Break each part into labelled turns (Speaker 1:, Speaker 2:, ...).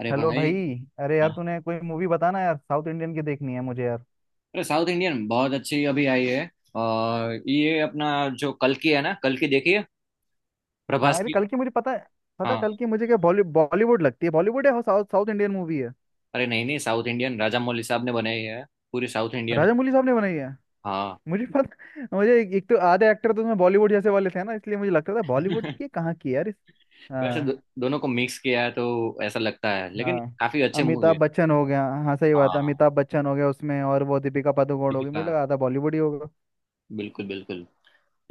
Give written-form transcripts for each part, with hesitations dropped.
Speaker 1: अरे
Speaker 2: हेलो
Speaker 1: भाई।
Speaker 2: भाई। अरे यार तूने कोई मूवी बताना यार, साउथ इंडियन की देखनी है मुझे यार।
Speaker 1: अरे साउथ इंडियन बहुत अच्छी अभी आई है, और ये अपना, जो कल की है ना, कल की देखिए,
Speaker 2: हाँ,
Speaker 1: प्रभास
Speaker 2: अरे
Speaker 1: की।
Speaker 2: कल की मुझे पता है। पता है, कल
Speaker 1: हाँ,
Speaker 2: की मुझे क्या बॉलीवुड लगती है। बॉलीवुड है। साउथ साउथ इंडियन मूवी है।
Speaker 1: अरे नहीं नहीं, साउथ इंडियन राजा मौली साहब ने बनाई है, पूरी साउथ इंडियन है।
Speaker 2: राजामौली साहब ने बनाई है।
Speaker 1: हाँ,
Speaker 2: मुझे पता मुझे एक तो आधे एक्टर तो उसमें बॉलीवुड जैसे वाले थे ना, इसलिए मुझे लगता था बॉलीवुड की कहाँ की है यार इस।
Speaker 1: वैसे
Speaker 2: हाँ।
Speaker 1: दोनों को मिक्स किया है तो ऐसा लगता है, लेकिन
Speaker 2: हाँ
Speaker 1: काफी अच्छे मूवी
Speaker 2: अमिताभ
Speaker 1: है।
Speaker 2: बच्चन हो गया। हाँ सही बात है,
Speaker 1: हाँ,
Speaker 2: अमिताभ बच्चन हो गया उसमें और वो दीपिका पादुकोण हो गई, मुझे
Speaker 1: दीपिका,
Speaker 2: लगा था बॉलीवुड ही होगा।
Speaker 1: बिल्कुल बिल्कुल,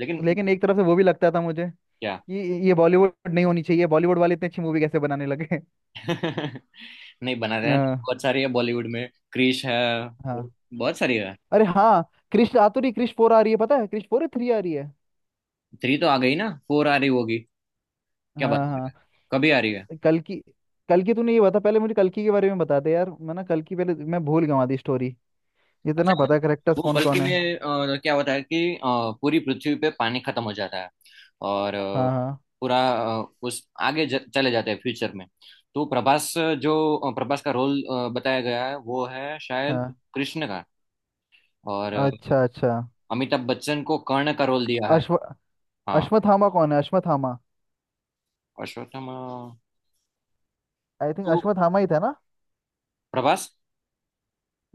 Speaker 1: लेकिन
Speaker 2: लेकिन एक तरफ से वो भी लगता था मुझे कि
Speaker 1: क्या
Speaker 2: ये बॉलीवुड नहीं होनी चाहिए, बॉलीवुड वाले इतनी अच्छी मूवी कैसे बनाने लगे
Speaker 1: नहीं बना रहे हैं,
Speaker 2: हाँ।
Speaker 1: बहुत सारी है बॉलीवुड में, क्रिश है,
Speaker 2: हाँ।
Speaker 1: बहुत सारी है।
Speaker 2: अरे हाँ। कृष्ण आ तो रही, कृष्ण 4 आ रही है पता है, कृष्ण 4 है, 3 आ रही है।
Speaker 1: थ्री तो आ गई ना, फोर आ रही होगी। क्या बात
Speaker 2: हाँ
Speaker 1: कर रहे
Speaker 2: हाँ।
Speaker 1: हैं, कभी आ रही है।
Speaker 2: कल की, कल की तूने ये बता पहले मुझे, कल की के बारे में बता दे यार। मैं ना कल की पहले मैं भूल गया आधी स्टोरी। इतना पता है करेक्टर्स
Speaker 1: वो
Speaker 2: कौन
Speaker 1: कल्कि
Speaker 2: कौन है।
Speaker 1: में क्या होता है कि पूरी पृथ्वी पे पानी खत्म हो जाता है, और
Speaker 2: हाँ हाँ
Speaker 1: पूरा उस आगे चले जाते हैं फ्यूचर में। तो प्रभास, जो प्रभास का रोल बताया गया है, वो है शायद
Speaker 2: हाँ।
Speaker 1: कृष्ण का। और
Speaker 2: अच्छा अच्छा।
Speaker 1: अमिताभ बच्चन को कर्ण का रोल दिया है।
Speaker 2: अश्व
Speaker 1: हाँ,
Speaker 2: अश्वत्थामा कौन है, अश्वत्थामा?
Speaker 1: अश्वत्थामा।
Speaker 2: आई थिंक
Speaker 1: तो
Speaker 2: अश्वत्थामा ही था ना।
Speaker 1: प्रभास,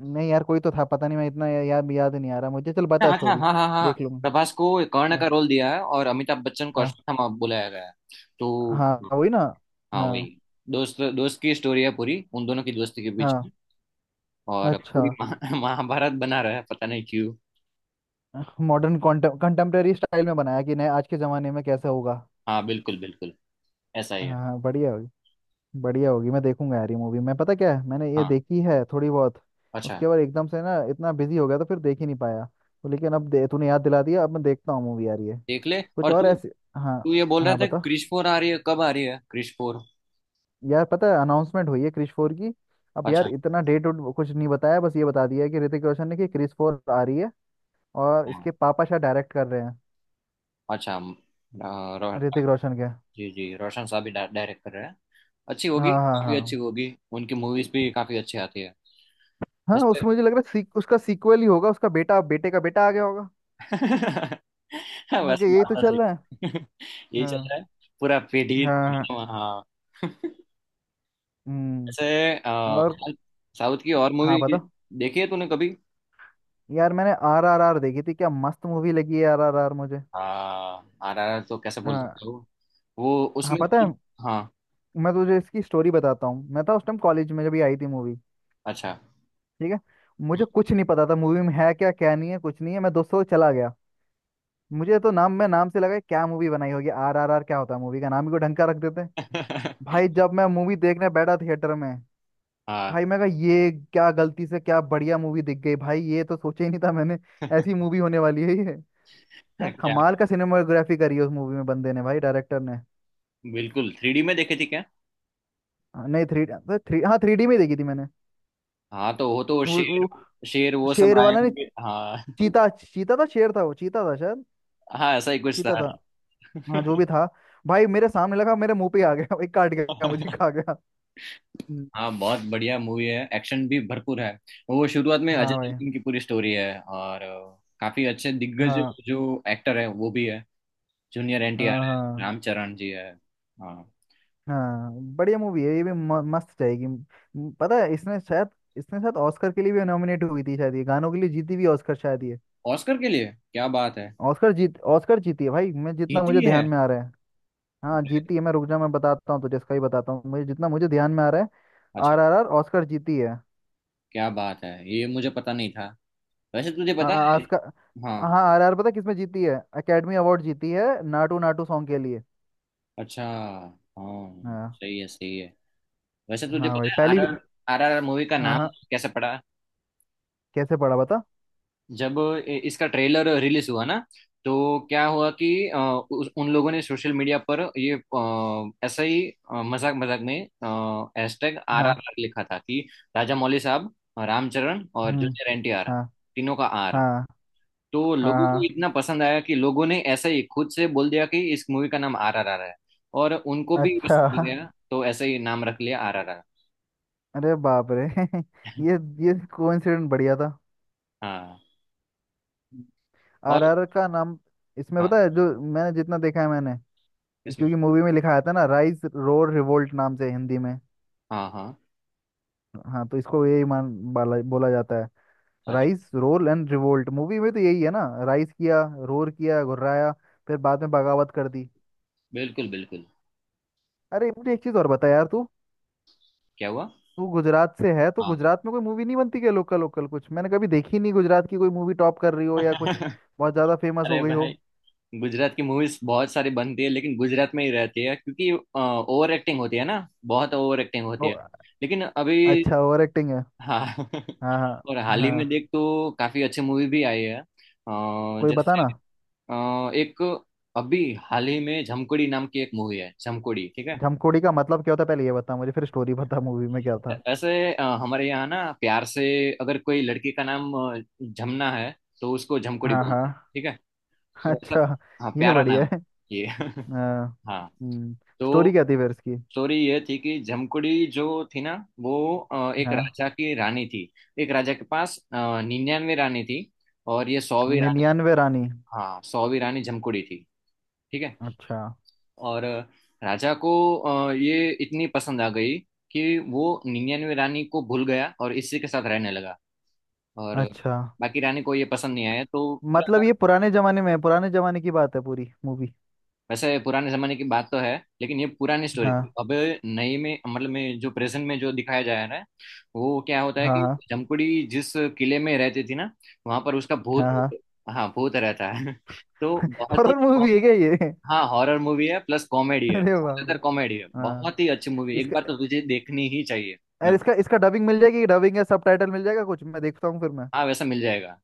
Speaker 2: नहीं यार, कोई तो था, पता नहीं मैं इतना या, याद याद नहीं आ रहा मुझे। चल
Speaker 1: हाँ
Speaker 2: बता
Speaker 1: हाँ
Speaker 2: स्टोरी,
Speaker 1: हाँ हाँ हाँ।
Speaker 2: देख लूंगा।
Speaker 1: प्रभास को कर्ण का
Speaker 2: हाँ
Speaker 1: रोल दिया है और अमिताभ बच्चन को
Speaker 2: हाँ।
Speaker 1: अश्वत्थामा बुलाया गया है। तो
Speaker 2: हाँ वही ना।
Speaker 1: हाँ वही।
Speaker 2: हाँ
Speaker 1: दोस्त दोस्त की स्टोरी है पूरी, उन दोनों की दोस्ती के बीच।
Speaker 2: हाँ।
Speaker 1: और
Speaker 2: अच्छा।
Speaker 1: पूरी महाभारत बना रहा है, पता नहीं क्यों।
Speaker 2: मॉडर्न कंटेम्प्रेरी स्टाइल में बनाया कि नहीं, आज के ज़माने में कैसा होगा।
Speaker 1: हाँ बिल्कुल बिल्कुल, ऐसा ही है।
Speaker 2: हाँ बढ़िया होगी। बढ़िया होगी, मैं देखूंगा यार ये मूवी। मैं पता क्या है मैंने ये
Speaker 1: हाँ,
Speaker 2: देखी है थोड़ी बहुत।
Speaker 1: अच्छा।
Speaker 2: उसके बाद एकदम से ना इतना बिजी हो गया तो फिर देख ही नहीं पाया। तो लेकिन अब दे तूने याद दिला दिया, अब मैं देखता हूँ मूवी यार ये।
Speaker 1: देख ले,
Speaker 2: कुछ
Speaker 1: और
Speaker 2: और
Speaker 1: तू,
Speaker 2: ऐसे। हाँ।
Speaker 1: तू ये बोल रहा
Speaker 2: हाँ
Speaker 1: था
Speaker 2: बता।
Speaker 1: क्रिश फोर आ रही है, कब आ रही है क्रिश फोर?
Speaker 2: यार पता है अनाउंसमेंट हुई है क्रिश 4 की। अब यार
Speaker 1: अच्छा।
Speaker 2: इतना डेट उट कुछ नहीं बताया, बस ये बता दिया है कि ऋतिक रोशन ने कि क्रिश 4 आ रही है। और
Speaker 1: हाँ,
Speaker 2: इसके पापा शायद डायरेक्ट कर रहे हैं।
Speaker 1: अच्छा, रो,
Speaker 2: ऋतिक रोशन के।
Speaker 1: जी जी रोशन साहब भी डायरेक्ट कर रहे हैं। अच्छी होगी,
Speaker 2: हाँ हाँ
Speaker 1: काफी अच्छी
Speaker 2: हाँ।
Speaker 1: होगी। उनकी मूवीज भी काफी अच्छी आती है।
Speaker 2: हाँ
Speaker 1: वैसे
Speaker 2: उसमें मुझे लग रहा है उसका सीक्वल ही होगा, उसका बेटा बेटे का बेटा आ गया होगा। और क्या,
Speaker 1: वैसे
Speaker 2: यही
Speaker 1: बात
Speaker 2: तो
Speaker 1: तो सही।
Speaker 2: चल रहा है।
Speaker 1: यही चल
Speaker 2: हाँ
Speaker 1: रहा है। पूरा पीढ़ी
Speaker 2: हाँ हाँ,
Speaker 1: पीढ़ी- हाँ।
Speaker 2: हम्म।
Speaker 1: ऐसे अ,
Speaker 2: और।
Speaker 1: साउथ की और
Speaker 2: हाँ
Speaker 1: मूवी
Speaker 2: बता।
Speaker 1: देखी है तूने कभी?
Speaker 2: यार मैंने RRR देखी थी, क्या मस्त मूवी लगी है RRR मुझे।
Speaker 1: हाँ आर आर तो कैसे बोल
Speaker 2: हाँ।
Speaker 1: सकते हो? वो
Speaker 2: हाँ
Speaker 1: उसमें
Speaker 2: पता है।
Speaker 1: थी-। हाँ,
Speaker 2: मैं तुझे इसकी स्टोरी बताता हूँ। मैं था उस टाइम कॉलेज में जब ये आई थी मूवी।
Speaker 1: अच्छा।
Speaker 2: ठीक है। मुझे कुछ नहीं पता था मूवी में है क्या क्या नहीं है कुछ नहीं है, मैं दोस्तों से चला गया। मुझे तो नाम, मैं नाम से लगा क्या मूवी बनाई होगी RRR, क्या होता है मूवी का नाम ही को ढंग का रख देते हैं। भाई जब मैं मूवी देखने बैठा थिएटर में,
Speaker 1: हाँ।
Speaker 2: भाई मैं कहा ये क्या, गलती से क्या बढ़िया मूवी दिख गई भाई, ये तो सोचा ही नहीं था मैंने ऐसी मूवी होने वाली है ये। क्या
Speaker 1: क्या,
Speaker 2: कमाल का सिनेमाटोग्राफी करी है उस मूवी में बंदे ने, भाई डायरेक्टर ने।
Speaker 1: बिल्कुल थ्री डी में देखी थी क्या?
Speaker 2: हाँ, नहीं थ्री तो थ्री, हाँ थ्री डी में देखी थी मैंने।
Speaker 1: हाँ, तो वो तो
Speaker 2: वो
Speaker 1: शेर,
Speaker 2: वो
Speaker 1: शेर वो सब
Speaker 2: शेर
Speaker 1: आए
Speaker 2: वाला नहीं।
Speaker 1: होंगे हाँ।
Speaker 2: चीता, चीता था, शेर था वो, चीता था शायद।
Speaker 1: हाँ ऐसा ही कुछ
Speaker 2: चीता
Speaker 1: था।
Speaker 2: था। हाँ जो भी था। भाई मेरे सामने लगा, मेरे मुंह पे ही आ गया, एक काट गया मुझे, खा गया। हम्म,
Speaker 1: हाँ, बहुत बढ़िया मूवी है, एक्शन भी भरपूर है। वो शुरुआत में अजय
Speaker 2: हाँ भाई।
Speaker 1: देवगन की पूरी स्टोरी है, और काफी अच्छे दिग्गज
Speaker 2: हाँ
Speaker 1: जो एक्टर है वो भी है, जूनियर
Speaker 2: हाँ
Speaker 1: एनटीआर है,
Speaker 2: हाँ।
Speaker 1: रामचरण जी है। हाँ,
Speaker 2: हाँ बढ़िया मूवी है ये भी। मस्त जाएगी। पता है इसने शायद, इसने शायद ऑस्कर के लिए भी नॉमिनेट हुई थी शायद, ये गानों के लिए जीती भी ऑस्कर शायद ये।
Speaker 1: ऑस्कर के लिए, क्या बात है।
Speaker 2: ऑस्कर जीती है भाई, मैं जितना
Speaker 1: जीती
Speaker 2: मुझे ध्यान
Speaker 1: है?
Speaker 2: में आ रहा है। हाँ
Speaker 1: अरे,
Speaker 2: जीती है, मैं रुक जा मैं बताता हूँ तुझे, इसका ही बताता हूँ, मुझे जितना मुझे ध्यान में आ रहा है।
Speaker 1: अच्छा,
Speaker 2: आर आर आर ऑस्कर जीती है।
Speaker 1: क्या बात है, ये मुझे पता नहीं था। वैसे तो तुझे पता
Speaker 2: हाँ
Speaker 1: है,
Speaker 2: ऑस्कर।
Speaker 1: हाँ।
Speaker 2: हाँ RR पता है किसमें जीती है, अकेडमी अवार्ड जीती है नाटू नाटू सॉन्ग के लिए।
Speaker 1: अच्छा, हाँ
Speaker 2: हाँ।
Speaker 1: सही है सही है। वैसे तुझे
Speaker 2: हाँ
Speaker 1: पता
Speaker 2: भाई
Speaker 1: है
Speaker 2: पहली।
Speaker 1: आर आर आर मूवी का
Speaker 2: हाँ
Speaker 1: नाम
Speaker 2: हाँ।
Speaker 1: कैसे पड़ा?
Speaker 2: कैसे पढ़ा बता।
Speaker 1: जब इसका ट्रेलर रिलीज हुआ ना, तो क्या हुआ कि उन लोगों ने सोशल मीडिया पर ये ऐसा ही मजाक मजाक में हैशटैग आर आर
Speaker 2: हाँ
Speaker 1: आर लिखा था, कि राजा मौली साहब, रामचरण और
Speaker 2: हम्म।
Speaker 1: जूनियर एन टी आर,
Speaker 2: हाँ
Speaker 1: तीनों का आर।
Speaker 2: हाँ
Speaker 1: तो
Speaker 2: हाँ
Speaker 1: लोगों को
Speaker 2: हाँ।
Speaker 1: इतना पसंद आया कि लोगों ने ऐसा ही खुद से बोल दिया कि इस मूवी का नाम आर आर आर है। और उनको भी
Speaker 2: अच्छा
Speaker 1: पसंद आ गया, तो ऐसा ही नाम रख लिया आर आर आर।
Speaker 2: अरे बाप रे ये ये कोइंसिडेंट बढ़िया था।
Speaker 1: हाँ। और
Speaker 2: RR का नाम। इसमें
Speaker 1: हाँ।
Speaker 2: पता है जो, मैंने जितना देखा है मैंने,
Speaker 1: इसमें
Speaker 2: क्योंकि मूवी में लिखा था ना राइज रोर रिवोल्ट नाम से हिंदी में।
Speaker 1: हाँ हाँ।
Speaker 2: हाँ तो इसको यही मान बोला जाता है।
Speaker 1: अच्छा
Speaker 2: rise roar and revolt, movie में तो यही है ना, राइज किया, रोर किया घुर्राया, फिर बाद में बगावत कर दी।
Speaker 1: बिल्कुल बिल्कुल।
Speaker 2: अरे मुझे एक चीज और बता यार तू।
Speaker 1: क्या हुआ?
Speaker 2: तू गुजरात से है तो
Speaker 1: हाँ।
Speaker 2: गुजरात में कोई मूवी नहीं बनती क्या, लोकल लोकल कुछ मैंने कभी देखी नहीं, गुजरात की कोई मूवी टॉप कर रही हो या कुछ, बहुत ज्यादा फेमस हो
Speaker 1: अरे
Speaker 2: गई हो।
Speaker 1: भाई, गुजरात की मूवीज बहुत सारी बनती है, लेकिन गुजरात में ही रहती है, क्योंकि ओवर एक्टिंग होती है ना, बहुत ओवर एक्टिंग होती है, लेकिन अभी
Speaker 2: अच्छा ओवर एक्टिंग है।
Speaker 1: हाँ।
Speaker 2: हाँ
Speaker 1: और
Speaker 2: हाँ
Speaker 1: हाल ही में
Speaker 2: हाँ।
Speaker 1: देख, तो काफी अच्छी मूवी भी आई है,
Speaker 2: कोई बता
Speaker 1: जैसे,
Speaker 2: ना।
Speaker 1: एक, अभी हाल ही में झमकोड़ी नाम की एक मूवी है, झमकोड़ी, ठीक है।
Speaker 2: झमकोड़ी का मतलब क्या होता है पहले ये बता मुझे, फिर स्टोरी बता मूवी में क्या था।
Speaker 1: ऐसे हमारे यहाँ ना प्यार से, अगर कोई लड़की का नाम झमना है, तो उसको झमकोड़ी
Speaker 2: हाँ
Speaker 1: बोलते हैं,
Speaker 2: हाँ
Speaker 1: ठीक है। तो
Speaker 2: अच्छा।
Speaker 1: ऐसा, हाँ,
Speaker 2: ये
Speaker 1: प्यारा नाम
Speaker 2: बढ़िया
Speaker 1: है।
Speaker 2: है।
Speaker 1: ये
Speaker 2: हाँ।
Speaker 1: हाँ।
Speaker 2: स्टोरी
Speaker 1: तो
Speaker 2: क्या थी फिर इसकी।
Speaker 1: स्टोरी ये थी कि जमकुड़ी जो थी ना, वो एक
Speaker 2: हाँ।
Speaker 1: राजा की रानी थी। एक राजा के पास 99 रानी थी, और ये 100वीं रानी।
Speaker 2: 99 रानी।
Speaker 1: हाँ, 100वीं रानी जमकुड़ी थी, ठीक है।
Speaker 2: अच्छा।
Speaker 1: और राजा को ये इतनी पसंद आ गई कि वो 99 रानी को भूल गया और इसी के साथ रहने लगा, और
Speaker 2: अच्छा,
Speaker 1: बाकी रानी को ये पसंद नहीं आया, तो पूरा।
Speaker 2: मतलब ये पुराने जमाने में है, पुराने जमाने की बात है पूरी मूवी।
Speaker 1: वैसे पुराने जमाने की बात तो है, लेकिन ये पुरानी स्टोरी
Speaker 2: हाँ।
Speaker 1: थी। अब नई में, मतलब में जो प्रेजेंट में जो दिखाया जा रहा है, वो क्या होता है
Speaker 2: हाँ
Speaker 1: कि
Speaker 2: हाँ
Speaker 1: जमकुड़ी जिस किले में रहती थी ना, वहां पर उसका भूत,
Speaker 2: हाँ हाँ
Speaker 1: हाँ, भूत रहता है। तो बहुत ही
Speaker 2: हॉरर मूवी
Speaker 1: कॉम-।
Speaker 2: है क्या ये
Speaker 1: हाँ, हॉरर मूवी है प्लस कॉमेडी है,
Speaker 2: अरे बाप रे।
Speaker 1: ज्यादातर कॉमेडी है,
Speaker 2: हाँ।
Speaker 1: बहुत ही अच्छी मूवी, एक
Speaker 2: इसका,
Speaker 1: बार तो तुझे देखनी ही चाहिए। मैं,
Speaker 2: अरे इसका इसका डबिंग मिल जाएगी, डबिंग या सबटाइटल मिल जाएगा कुछ, मैं देखता हूँ फिर मैं।
Speaker 1: हाँ वैसा मिल जाएगा।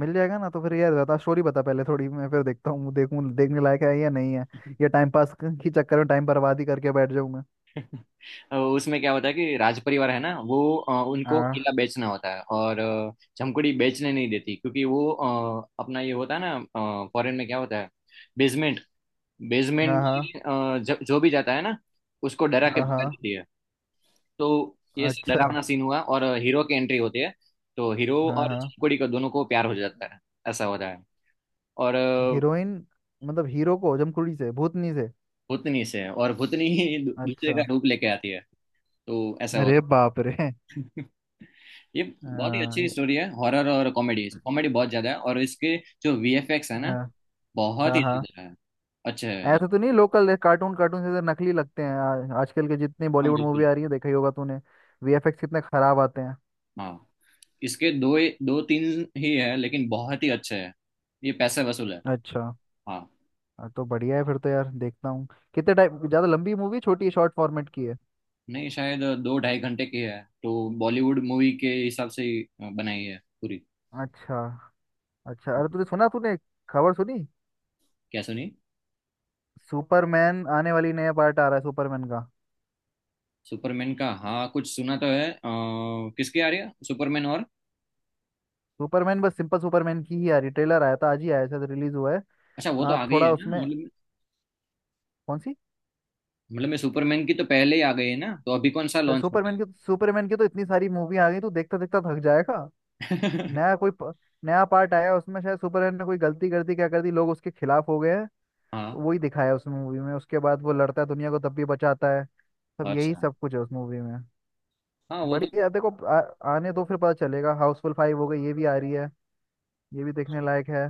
Speaker 2: मिल जाएगा ना, तो फिर यार बता स्टोरी बता पहले थोड़ी, मैं फिर देखता हूँ, देखूँ देखने लायक है या नहीं है, या टाइम पास की चक्कर में टाइम बर्बाद ही करके बैठ जाऊँ मैं।
Speaker 1: उसमें क्या होता है कि राज परिवार है ना, वो उनको किला
Speaker 2: हाँ
Speaker 1: बेचना होता है, और जमकुड़ी बेचने नहीं देती, क्योंकि वो अपना ये होता है ना, फॉरेन में क्या होता है बेसमेंट, बेसमेंट
Speaker 2: हाँ हाँ।
Speaker 1: में जो भी जाता है ना, उसको डरा के भगा
Speaker 2: हाँ
Speaker 1: देती है। तो
Speaker 2: हाँ,
Speaker 1: ये सब
Speaker 2: अच्छा।
Speaker 1: डरावना सीन हुआ, और हीरो की एंट्री होती है। तो हीरो
Speaker 2: हाँ
Speaker 1: और
Speaker 2: हाँ।
Speaker 1: जमकुड़ी को, दोनों को प्यार हो जाता है, ऐसा होता है। और
Speaker 2: हीरोइन, मतलब हीरो को जमकुड़ी से, भूतनी से।
Speaker 1: भूतनी से, और भूतनी ही दूसरे
Speaker 2: अच्छा।
Speaker 1: का रूप लेके आती है, तो ऐसा होता
Speaker 2: अरे
Speaker 1: है
Speaker 2: बाप रे।
Speaker 1: ये। बहुत ही
Speaker 2: हाँ
Speaker 1: अच्छी
Speaker 2: ये-।
Speaker 1: स्टोरी है, हॉरर और कॉमेडी, कॉमेडी बहुत ज्यादा है, और इसके जो वीएफएक्स है ना,
Speaker 2: हाँ
Speaker 1: बहुत
Speaker 2: हाँ
Speaker 1: ही
Speaker 2: हाँ।
Speaker 1: ज्यादा है, अच्छा है।
Speaker 2: ऐसा तो नहीं लोकल कार्टून, कार्टून से तो नकली लगते हैं आजकल के जितने
Speaker 1: हाँ,
Speaker 2: बॉलीवुड मूवी
Speaker 1: बिल्कुल।
Speaker 2: आ रही है देखा ही होगा तूने, VFX कितने खराब आते हैं।
Speaker 1: हाँ, इसके दो, दो तीन ही है, लेकिन बहुत ही अच्छे है, ये पैसे वसूल है।
Speaker 2: अच्छा।
Speaker 1: हाँ,
Speaker 2: हाँ, तो बढ़िया है फिर तो यार देखता हूँ। कितने टाइम ज्यादा, लंबी मूवी छोटी है शॉर्ट फॉर्मेट की है।
Speaker 1: नहीं शायद दो ढाई घंटे की है, तो बॉलीवुड मूवी के हिसाब से ही बनाई है पूरी।
Speaker 2: अच्छा। अच्छा अरे
Speaker 1: हाँ।
Speaker 2: तूने सुना, तूने खबर सुनी?
Speaker 1: क्या सुनी?
Speaker 2: सुपरमैन आने वाली, नया पार्ट आ रहा है सुपरमैन का।
Speaker 1: सुपरमैन का, हाँ कुछ सुना तो है, किसकी आ रही है सुपरमैन और?
Speaker 2: सुपरमैन बस सिंपल सुपरमैन की ही आ रही, ट्रेलर आया था आज ही आया शायद रिलीज हुआ है।
Speaker 1: अच्छा, वो तो
Speaker 2: आ,
Speaker 1: आ गई
Speaker 2: थोड़ा
Speaker 1: है ना,
Speaker 2: उसमें।
Speaker 1: मतलब,
Speaker 2: कौन सी?
Speaker 1: मतलब मैं सुपरमैन की तो पहले ही आ गई है ना, तो अभी कौन सा लॉन्च होता
Speaker 2: सुपरमैन की, सुपरमैन की तो इतनी सारी मूवी आ गई तू देखता देखता थक जाएगा।
Speaker 1: है।
Speaker 2: नया कोई प, नया पार्ट आया उसमें शायद सुपरमैन ने कोई गलती कर दी, क्या कर दी, लोग उसके खिलाफ हो गए हैं।
Speaker 1: हाँ।
Speaker 2: वही दिखाया उस मूवी में, उसके बाद वो लड़ता है दुनिया को तब भी बचाता है। सब यही
Speaker 1: अच्छा,
Speaker 2: सब कुछ है उस मूवी में।
Speaker 1: हाँ वो तो।
Speaker 2: बढ़िया देखो आने दो फिर पता चलेगा। हाउसफुल 5 हो गई, ये भी आ रही है, ये भी देखने लायक है।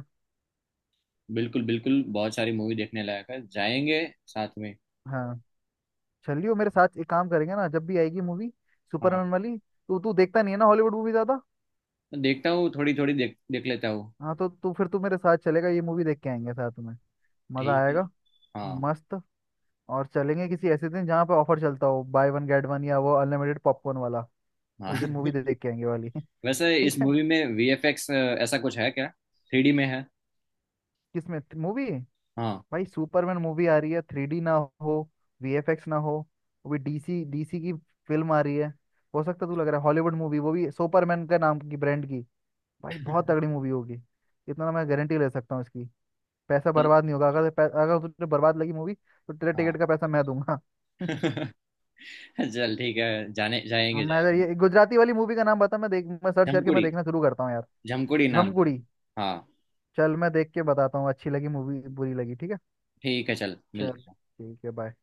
Speaker 1: बिल्कुल बिल्कुल, बहुत सारी मूवी देखने लायक है, जाएंगे साथ में।
Speaker 2: हाँ चलियो मेरे साथ एक काम करेंगे ना, जब भी आएगी मूवी
Speaker 1: हाँ,
Speaker 2: सुपरमैन वाली। तो तू देखता नहीं है ना हॉलीवुड मूवी ज्यादा।
Speaker 1: तो देखता हूँ, थोड़ी थोड़ी देख देख लेता हूँ।
Speaker 2: हाँ तो तू फिर तू मेरे साथ चलेगा, ये मूवी देख के आएंगे साथ में, मजा
Speaker 1: ठीक है,
Speaker 2: आएगा।
Speaker 1: हाँ।
Speaker 2: मस्त। और चलेंगे किसी ऐसे दिन जहाँ पे ऑफर चलता हो बाय वन गेट वन, या वो अनलिमिटेड पॉपकॉर्न वाला।
Speaker 1: हाँ
Speaker 2: उस दिन मूवी देख के आएंगे वाली
Speaker 1: वैसे इस
Speaker 2: ठीक है।
Speaker 1: मूवी में वीएफएक्स ऐसा कुछ है क्या, थ्री डी में है?
Speaker 2: किसमें? मूवी।
Speaker 1: हाँ।
Speaker 2: भाई सुपरमैन मूवी आ रही है, 3D ना हो, VFX ना हो। वो भी डीसी डीसी की फिल्म आ रही है। हो सकता तू, लग रहा है हॉलीवुड मूवी, वो भी सुपरमैन के नाम की ब्रांड की, भाई बहुत तगड़ी मूवी होगी। इतना मैं गारंटी ले सकता हूँ इसकी। पैसा
Speaker 1: चल,
Speaker 2: बर्बाद नहीं होगा, अगर अगर तुझे बर्बाद लगी मूवी तो तेरे
Speaker 1: हाँ।
Speaker 2: टिकट का पैसा मैं दूंगा
Speaker 1: चल ठीक है, जाने
Speaker 2: हाँ,
Speaker 1: जाएंगे
Speaker 2: मैं, अगर
Speaker 1: जाएंगे।
Speaker 2: ये गुजराती वाली मूवी का नाम बता, मैं देख मैं सर्च करके मैं
Speaker 1: झमकुड़ी,
Speaker 2: देखना शुरू करता हूँ यार।
Speaker 1: झमकुड़ी नाम है।
Speaker 2: झमकुड़ी।
Speaker 1: हाँ।
Speaker 2: चल मैं देख के बताता हूँ अच्छी लगी मूवी बुरी लगी, ठीक है।
Speaker 1: ठीक है, चल
Speaker 2: चल
Speaker 1: मिलते हैं।
Speaker 2: ठीक है, बाय।